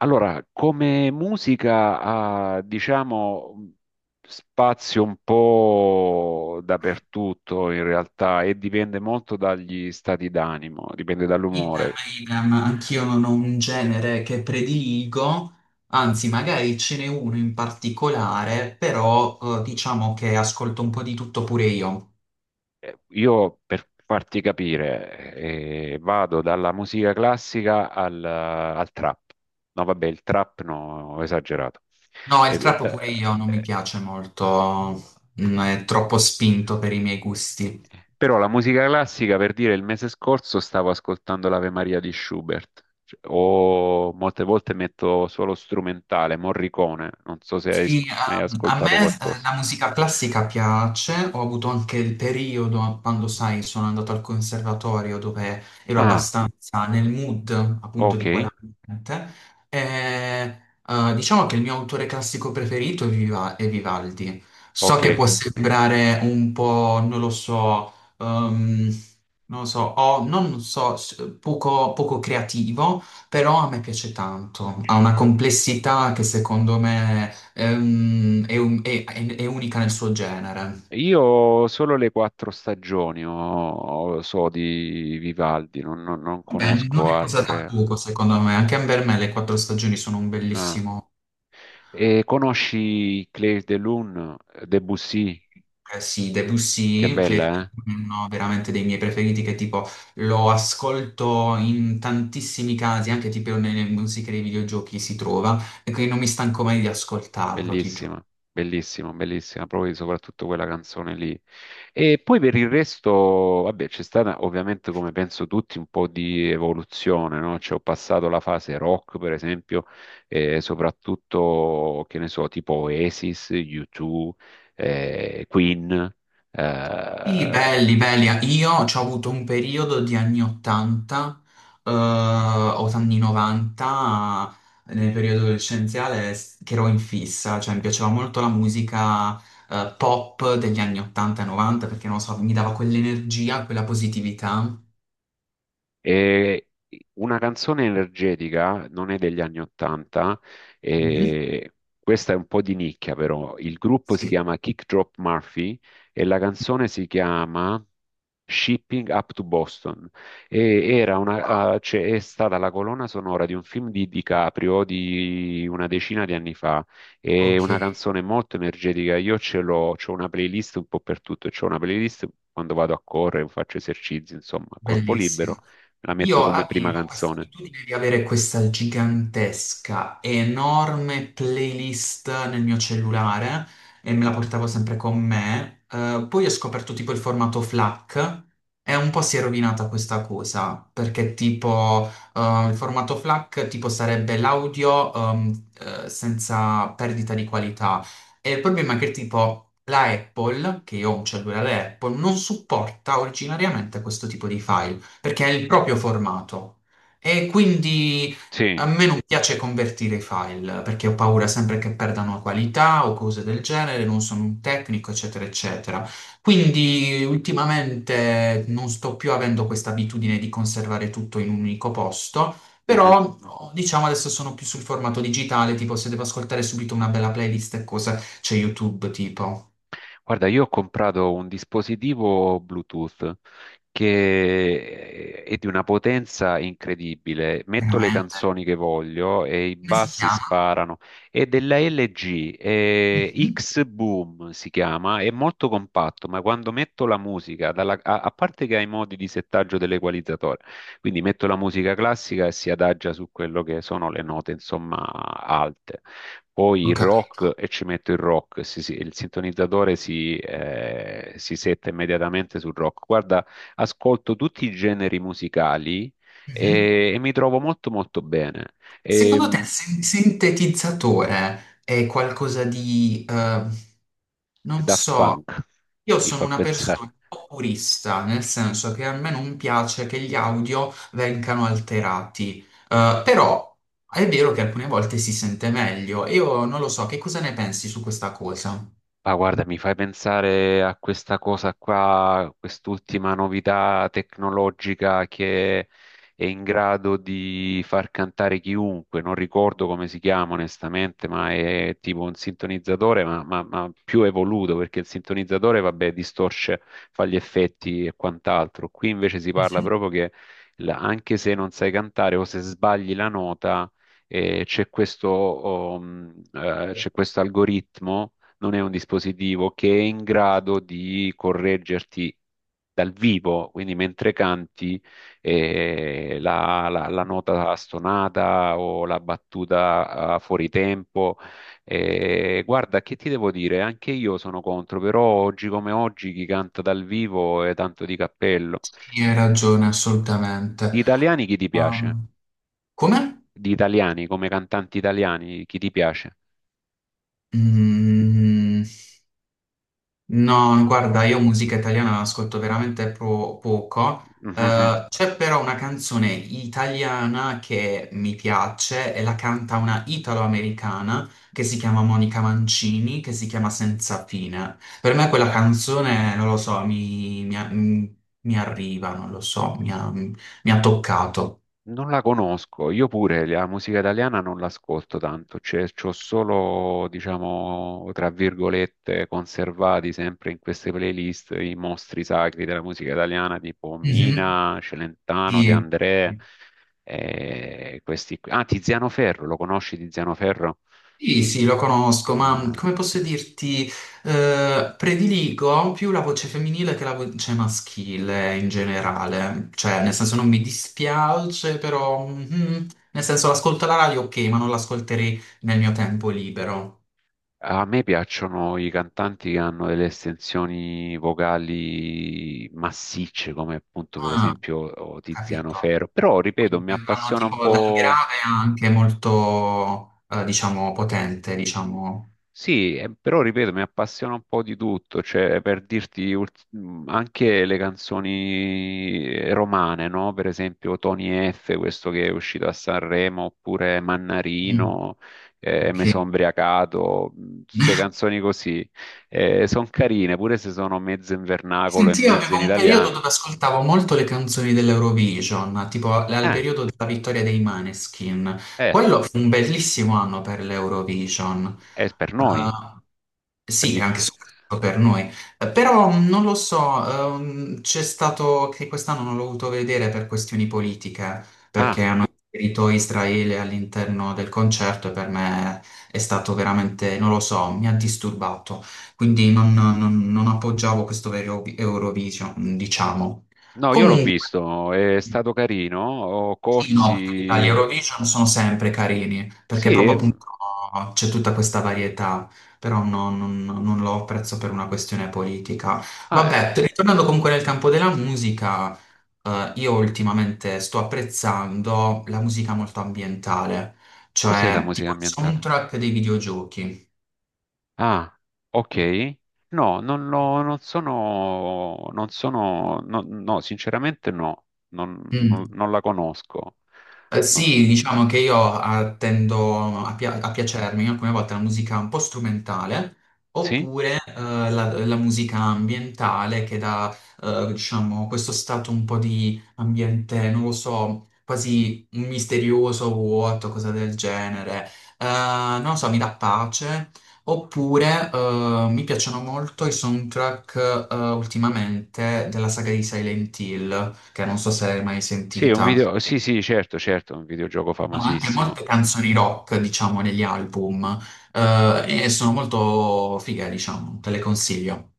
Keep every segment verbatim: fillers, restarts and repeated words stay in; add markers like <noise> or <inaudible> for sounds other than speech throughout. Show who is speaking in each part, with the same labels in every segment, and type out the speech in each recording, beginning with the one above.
Speaker 1: Allora, come musica ha, diciamo, spazio un po' dappertutto in realtà e dipende molto dagli stati d'animo, dipende
Speaker 2: Idem,
Speaker 1: dall'umore.
Speaker 2: idem, anch'io non ho un genere che prediligo, anzi magari ce n'è uno in particolare, però eh, diciamo che ascolto un po' di tutto pure io.
Speaker 1: Eh, Io, per farti capire, eh, vado dalla musica classica al, al trap. No, vabbè, il trap no, ho esagerato.
Speaker 2: No, il
Speaker 1: Ed- ed-
Speaker 2: trap pure io non mi
Speaker 1: eh,
Speaker 2: piace molto, mm, è troppo spinto per i miei gusti.
Speaker 1: Però la musica classica, per dire, il mese scorso stavo ascoltando l'Ave Maria di Schubert, cioè, o molte volte metto solo strumentale, Morricone, non so se hai sc-
Speaker 2: Sì,
Speaker 1: mai
Speaker 2: ehm, a
Speaker 1: ascoltato
Speaker 2: me eh,
Speaker 1: qualcosa.
Speaker 2: la musica classica piace, ho avuto anche il periodo quando, sai, sono andato al conservatorio dove ero
Speaker 1: Ah,
Speaker 2: abbastanza nel mood appunto
Speaker 1: ok,
Speaker 2: di quell'ambiente. E, eh, diciamo che il mio autore classico preferito è Viva- è Vivaldi. So
Speaker 1: ok.
Speaker 2: che può sembrare un po', non lo so, ehm, non lo so, o non so, s- poco poco creativo, però a me piace tanto, ha una complessità che secondo me. Ehm, è, un- è- è- è unica nel suo genere.
Speaker 1: Io solo le Quattro Stagioni ho- ho- so di Vivaldi, non, non- non
Speaker 2: Beh, non
Speaker 1: conosco
Speaker 2: è cosa da
Speaker 1: altre.
Speaker 2: poco, secondo me. Anche per me le quattro stagioni sono un
Speaker 1: Ah.
Speaker 2: bellissimo.
Speaker 1: E conosci Claire de Lune, Debussy?
Speaker 2: Eh sì,
Speaker 1: Che
Speaker 2: Debussy, che
Speaker 1: bella,
Speaker 2: è
Speaker 1: eh?
Speaker 2: uno veramente dei miei preferiti, che tipo lo ascolto in tantissimi casi, anche tipo nelle musiche dei videogiochi si trova, e quindi non mi stanco mai di ascoltarlo, ti giuro.
Speaker 1: Bellissima, bellissima, bellissima, proprio soprattutto quella canzone lì. E poi per il resto, vabbè, c'è stata ovviamente, come penso tutti, un po' di evoluzione, no? Cioè, ho passato la fase rock, per esempio, eh, soprattutto, che ne so, tipo Oasis, U due, eh, Queen,
Speaker 2: Sì,
Speaker 1: eh,
Speaker 2: belli, belli. Io ho avuto un periodo di anni ottanta, eh, o anni novanta, nel periodo adolescenziale, s- che ero in fissa, cioè mi piaceva molto la musica, eh, pop degli anni ottanta e novanta, perché non lo so, mi dava quell'energia, quella positività.
Speaker 1: E una canzone energetica non è degli anni Ottanta,
Speaker 2: Mhm.
Speaker 1: e questa è un po' di nicchia però. Il gruppo si
Speaker 2: Sì,
Speaker 1: chiama Kick Drop Murphy e la canzone si chiama Shipping Up to Boston. E era
Speaker 2: wow,
Speaker 1: una, eh, cioè, è stata la colonna sonora di un film di DiCaprio di una decina di anni fa. È
Speaker 2: ok,
Speaker 1: una canzone molto energetica. Io ce l'ho, c'ho una playlist un po' per tutto. C'ho una playlist quando vado a correre, faccio esercizi, insomma, a corpo libero.
Speaker 2: bellissimo.
Speaker 1: La metto
Speaker 2: Io
Speaker 1: come prima
Speaker 2: avevo questa
Speaker 1: canzone.
Speaker 2: abitudine di avere questa gigantesca, enorme playlist nel mio cellulare e me la portavo sempre con me. Eh, poi ho scoperto tipo il formato FLAC e un po' si è rovinata questa cosa, perché tipo eh, il formato FLAC tipo sarebbe l'audio ehm, eh, senza perdita di qualità. E il problema è che tipo la Apple, che io ho un cellulare Apple, non supporta originariamente questo tipo di file perché è il proprio formato, e quindi a
Speaker 1: Sì.
Speaker 2: me non piace convertire i file perché ho paura sempre che perdano qualità o cose del genere, non sono un tecnico, eccetera, eccetera. Quindi ultimamente non sto più avendo questa abitudine di conservare tutto in un unico posto.
Speaker 1: Mhm.
Speaker 2: Però, diciamo, adesso sono più sul formato digitale, tipo se devo ascoltare subito una bella playlist e cose, c'è YouTube, tipo.
Speaker 1: Guarda, io ho comprato un dispositivo Bluetooth che è di una potenza incredibile. Metto le
Speaker 2: Veramente?
Speaker 1: canzoni che voglio e i
Speaker 2: Come si
Speaker 1: bassi
Speaker 2: chiama?
Speaker 1: sparano. È della L G, è
Speaker 2: Mhm.
Speaker 1: X-Boom si chiama, è molto compatto, ma quando metto la musica, dalla- a, a parte che ha i modi di settaggio dell'equalizzatore, quindi metto la musica classica e si adagia su quello che sono le note, insomma, alte. Poi
Speaker 2: Ho
Speaker 1: il
Speaker 2: capito.
Speaker 1: rock e ci metto il rock, si- si- il sintonizzatore si, eh, si setta immediatamente sul rock. Guarda, ascolto tutti i generi musicali
Speaker 2: Mhm.
Speaker 1: e, e mi trovo molto molto bene. E,
Speaker 2: Secondo te il
Speaker 1: mh,
Speaker 2: sin- sintetizzatore è qualcosa di, eh, non
Speaker 1: Daft
Speaker 2: so,
Speaker 1: Punk
Speaker 2: io
Speaker 1: mi
Speaker 2: sono
Speaker 1: fa <laughs>
Speaker 2: una
Speaker 1: pensare.
Speaker 2: persona un po' purista, nel senso che a me non piace che gli audio vengano alterati. Eh, però è vero che alcune volte si sente meglio. Io non lo so, che cosa ne pensi su questa cosa?
Speaker 1: Ah, guarda, mi fai pensare a questa cosa qua, quest'ultima novità tecnologica che è in grado di far cantare chiunque. Non ricordo come si chiama onestamente, ma è tipo un sintonizzatore, ma, ma- ma più evoluto, perché il sintonizzatore, vabbè, distorce, fa gli effetti e quant'altro. Qui invece si parla
Speaker 2: Mhm.
Speaker 1: proprio che la- anche se non sai cantare o se sbagli la nota, eh, c'è questo, oh, mh, eh, c'è questo algoritmo non è un dispositivo che è in grado di correggerti dal vivo, quindi mentre canti eh, la, la- la nota stonata o la battuta eh, fuori tempo. Eh, guarda, che ti devo dire? Anche io sono contro, però oggi come oggi chi canta dal vivo è tanto di cappello.
Speaker 2: Sì, hai ragione, assolutamente.
Speaker 1: Di italiani chi ti piace?
Speaker 2: Um, Come?
Speaker 1: Di italiani, come cantanti italiani, chi ti piace?
Speaker 2: Mm. No, guarda, io musica italiana ascolto veramente pro- poco. Eh,
Speaker 1: <laughs>
Speaker 2: c'è però una canzone italiana che mi piace e la canta una italo-americana che si chiama Monica Mancini, che si chiama Senza fine. Per me quella canzone, non lo so, mi, mi a- mi- mi arriva, non lo so, mi ha, mi ha toccato.
Speaker 1: Non la conosco, io pure la musica italiana non l'ascolto tanto, cioè c'ho solo, diciamo, tra virgolette, conservati sempre in queste playlist i mostri sacri della musica italiana, tipo
Speaker 2: Mhm.
Speaker 1: Mina, Celentano,
Speaker 2: Sì.
Speaker 1: De André, eh, questi qui. Ah, Tiziano Ferro, lo conosci Tiziano Ferro?
Speaker 2: Sì, sì, lo conosco, ma mhmm,
Speaker 1: Ah.
Speaker 2: come posso dirti, eh, prediligo più la voce femminile che la voce maschile in generale. Cioè, nel senso non mi dispiace, però, mhm, nel senso, l'ascolto alla radio, ok, ma non l'ascolterei nel mio tempo libero.
Speaker 1: A me piacciono i cantanti che hanno delle estensioni vocali massicce, come appunto per
Speaker 2: Ah,
Speaker 1: esempio oh, Tiziano
Speaker 2: capito.
Speaker 1: Ferro, però ripeto, mi
Speaker 2: Quindi vanno
Speaker 1: appassiona un
Speaker 2: tipo dal
Speaker 1: po'.
Speaker 2: grave anche molto, eh, diciamo, potente, diciamo.
Speaker 1: Sì, eh, però ripeto, mi appassiona un po' di tutto, cioè per dirti ult- mh, anche le canzoni eh, romane, no? Per esempio Tony F, questo che è uscito a Sanremo, oppure
Speaker 2: Mm,
Speaker 1: Mannarino, eh,
Speaker 2: ok.
Speaker 1: Me son ubriacato, mh, queste
Speaker 2: <laughs>
Speaker 1: canzoni così, sono carine, pure se sono mezzo in vernacolo e
Speaker 2: Senti, io
Speaker 1: mezzo
Speaker 2: avevo
Speaker 1: in
Speaker 2: un periodo dove
Speaker 1: italiano.
Speaker 2: ascoltavo molto le canzoni dell'Eurovision, tipo al al
Speaker 1: Eh,
Speaker 2: periodo della vittoria dei Maneskin.
Speaker 1: eh,
Speaker 2: Quello fu un bellissimo anno per l'Eurovision.
Speaker 1: è per noi,
Speaker 2: Ah,
Speaker 1: per
Speaker 2: sì,
Speaker 1: gli-
Speaker 2: anche
Speaker 1: eh,
Speaker 2: soprattutto per noi. Eh, però mh, non lo so, ehm, c'è stato che quest'anno non l'ho voluto vedere per questioni politiche, perché
Speaker 1: Ah,
Speaker 2: hanno inserito Israele all'interno del concerto e per me è stato veramente, non lo so, mi ha disturbato, quindi non, non- non appoggiavo questo vero Eurovi- Eurovision, diciamo.
Speaker 1: no, io l'ho
Speaker 2: Comunque.
Speaker 1: visto, è stato carino.
Speaker 2: Sì, no, perché gli
Speaker 1: Corsi.
Speaker 2: Eurovision sono sempre carini,
Speaker 1: Sì,
Speaker 2: perché proprio
Speaker 1: ehm,
Speaker 2: appunto c'è tutta questa varietà, però no- non, non lo apprezzo per una questione politica.
Speaker 1: ah, eh,
Speaker 2: Vabbè,
Speaker 1: eh,
Speaker 2: ritornando comunque nel campo della musica, eh, io ultimamente sto apprezzando la musica molto ambientale,
Speaker 1: cos'è la
Speaker 2: cioè
Speaker 1: musica
Speaker 2: tipo il
Speaker 1: ambientale?
Speaker 2: soundtrack dei videogiochi.
Speaker 1: Ah, ok. No, non, lo- non sono, non sono, no, no, sinceramente no, non, non-
Speaker 2: Mm.
Speaker 1: non la conosco.
Speaker 2: Eh, sì,
Speaker 1: No.
Speaker 2: diciamo che io ah, tendo a, pia- a piacermi alcune volte la musica un po' strumentale
Speaker 1: Sì?
Speaker 2: oppure eh, la, la musica ambientale che dà, eh, diciamo, questo stato un po' di ambiente, non lo so, quasi misterioso, vuoto, cosa del genere. Eh, non lo so, mi dà pace. Oppure eh, mi piacciono molto i soundtrack eh, ultimamente della saga di Silent Hill, che non so se l'hai mai
Speaker 1: Sì, è un
Speaker 2: sentita,
Speaker 1: video, sì, sì, certo, certo, è un videogioco
Speaker 2: ma anche
Speaker 1: famosissimo.
Speaker 2: molte canzoni rock, diciamo, negli album, eh, e sono molto fighe, diciamo, te le consiglio.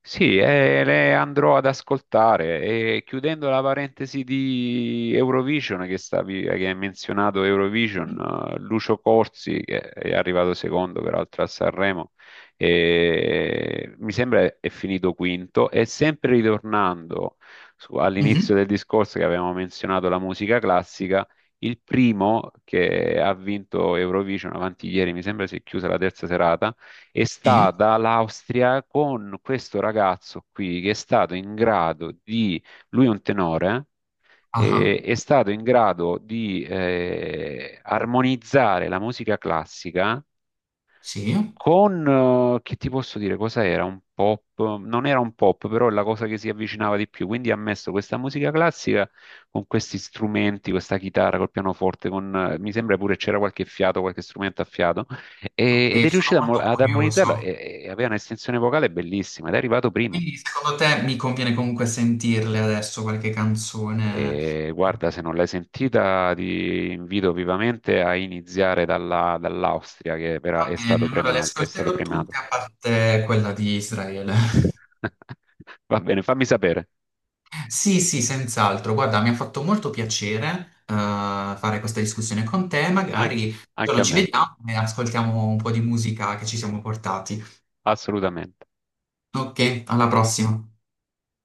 Speaker 1: Sì, eh, le andrò ad ascoltare e chiudendo la parentesi di Eurovision che stavi, che hai menzionato Eurovision,
Speaker 2: Mhm.
Speaker 1: eh, Lucio Corsi che è arrivato secondo peraltro a Sanremo e mi sembra è finito quinto e sempre ritornando su- all'inizio
Speaker 2: Mhm.
Speaker 1: del discorso che avevamo menzionato la musica classica, il primo che ha vinto Eurovision avanti ieri, mi sembra si è chiusa la terza serata è
Speaker 2: Sì,
Speaker 1: stata l'Austria con questo ragazzo qui che è stato in grado di, lui è un tenore, eh,
Speaker 2: ah,
Speaker 1: è stato in grado di eh, armonizzare la musica classica
Speaker 2: sì,
Speaker 1: con, eh, che ti posso dire, cosa era? Un pop? Non era un pop, però è la cosa che si avvicinava di più. Quindi ha messo questa musica classica con questi strumenti, questa chitarra col pianoforte, con, eh, mi sembra pure c'era qualche fiato, qualche strumento a fiato, e- ed è
Speaker 2: ok, sono
Speaker 1: riuscito a mo-
Speaker 2: molto
Speaker 1: ad
Speaker 2: curioso.
Speaker 1: armonizzarla e, e aveva un'estensione vocale bellissima ed è arrivato primo.
Speaker 2: Quindi secondo te mi conviene comunque sentirle adesso qualche canzone?
Speaker 1: E guarda, se non l'hai sentita, ti invito vivamente a iniziare dalla- dall'Austria, che però
Speaker 2: Va
Speaker 1: è
Speaker 2: bene,
Speaker 1: stato
Speaker 2: allora le
Speaker 1: prema- è stato
Speaker 2: ascolterò
Speaker 1: premiato.
Speaker 2: tutte a parte quella di Israele. <laughs>
Speaker 1: <laughs> Va bene, fammi sapere,
Speaker 2: Sì, sì, senz'altro. Guarda, mi ha fatto molto piacere, eh, fare questa discussione con te.
Speaker 1: An-
Speaker 2: Magari un
Speaker 1: anche
Speaker 2: giorno
Speaker 1: a
Speaker 2: ci
Speaker 1: me,
Speaker 2: vediamo e ascoltiamo un po' di musica che ci siamo portati.
Speaker 1: assolutamente.
Speaker 2: Ok, alla prossima.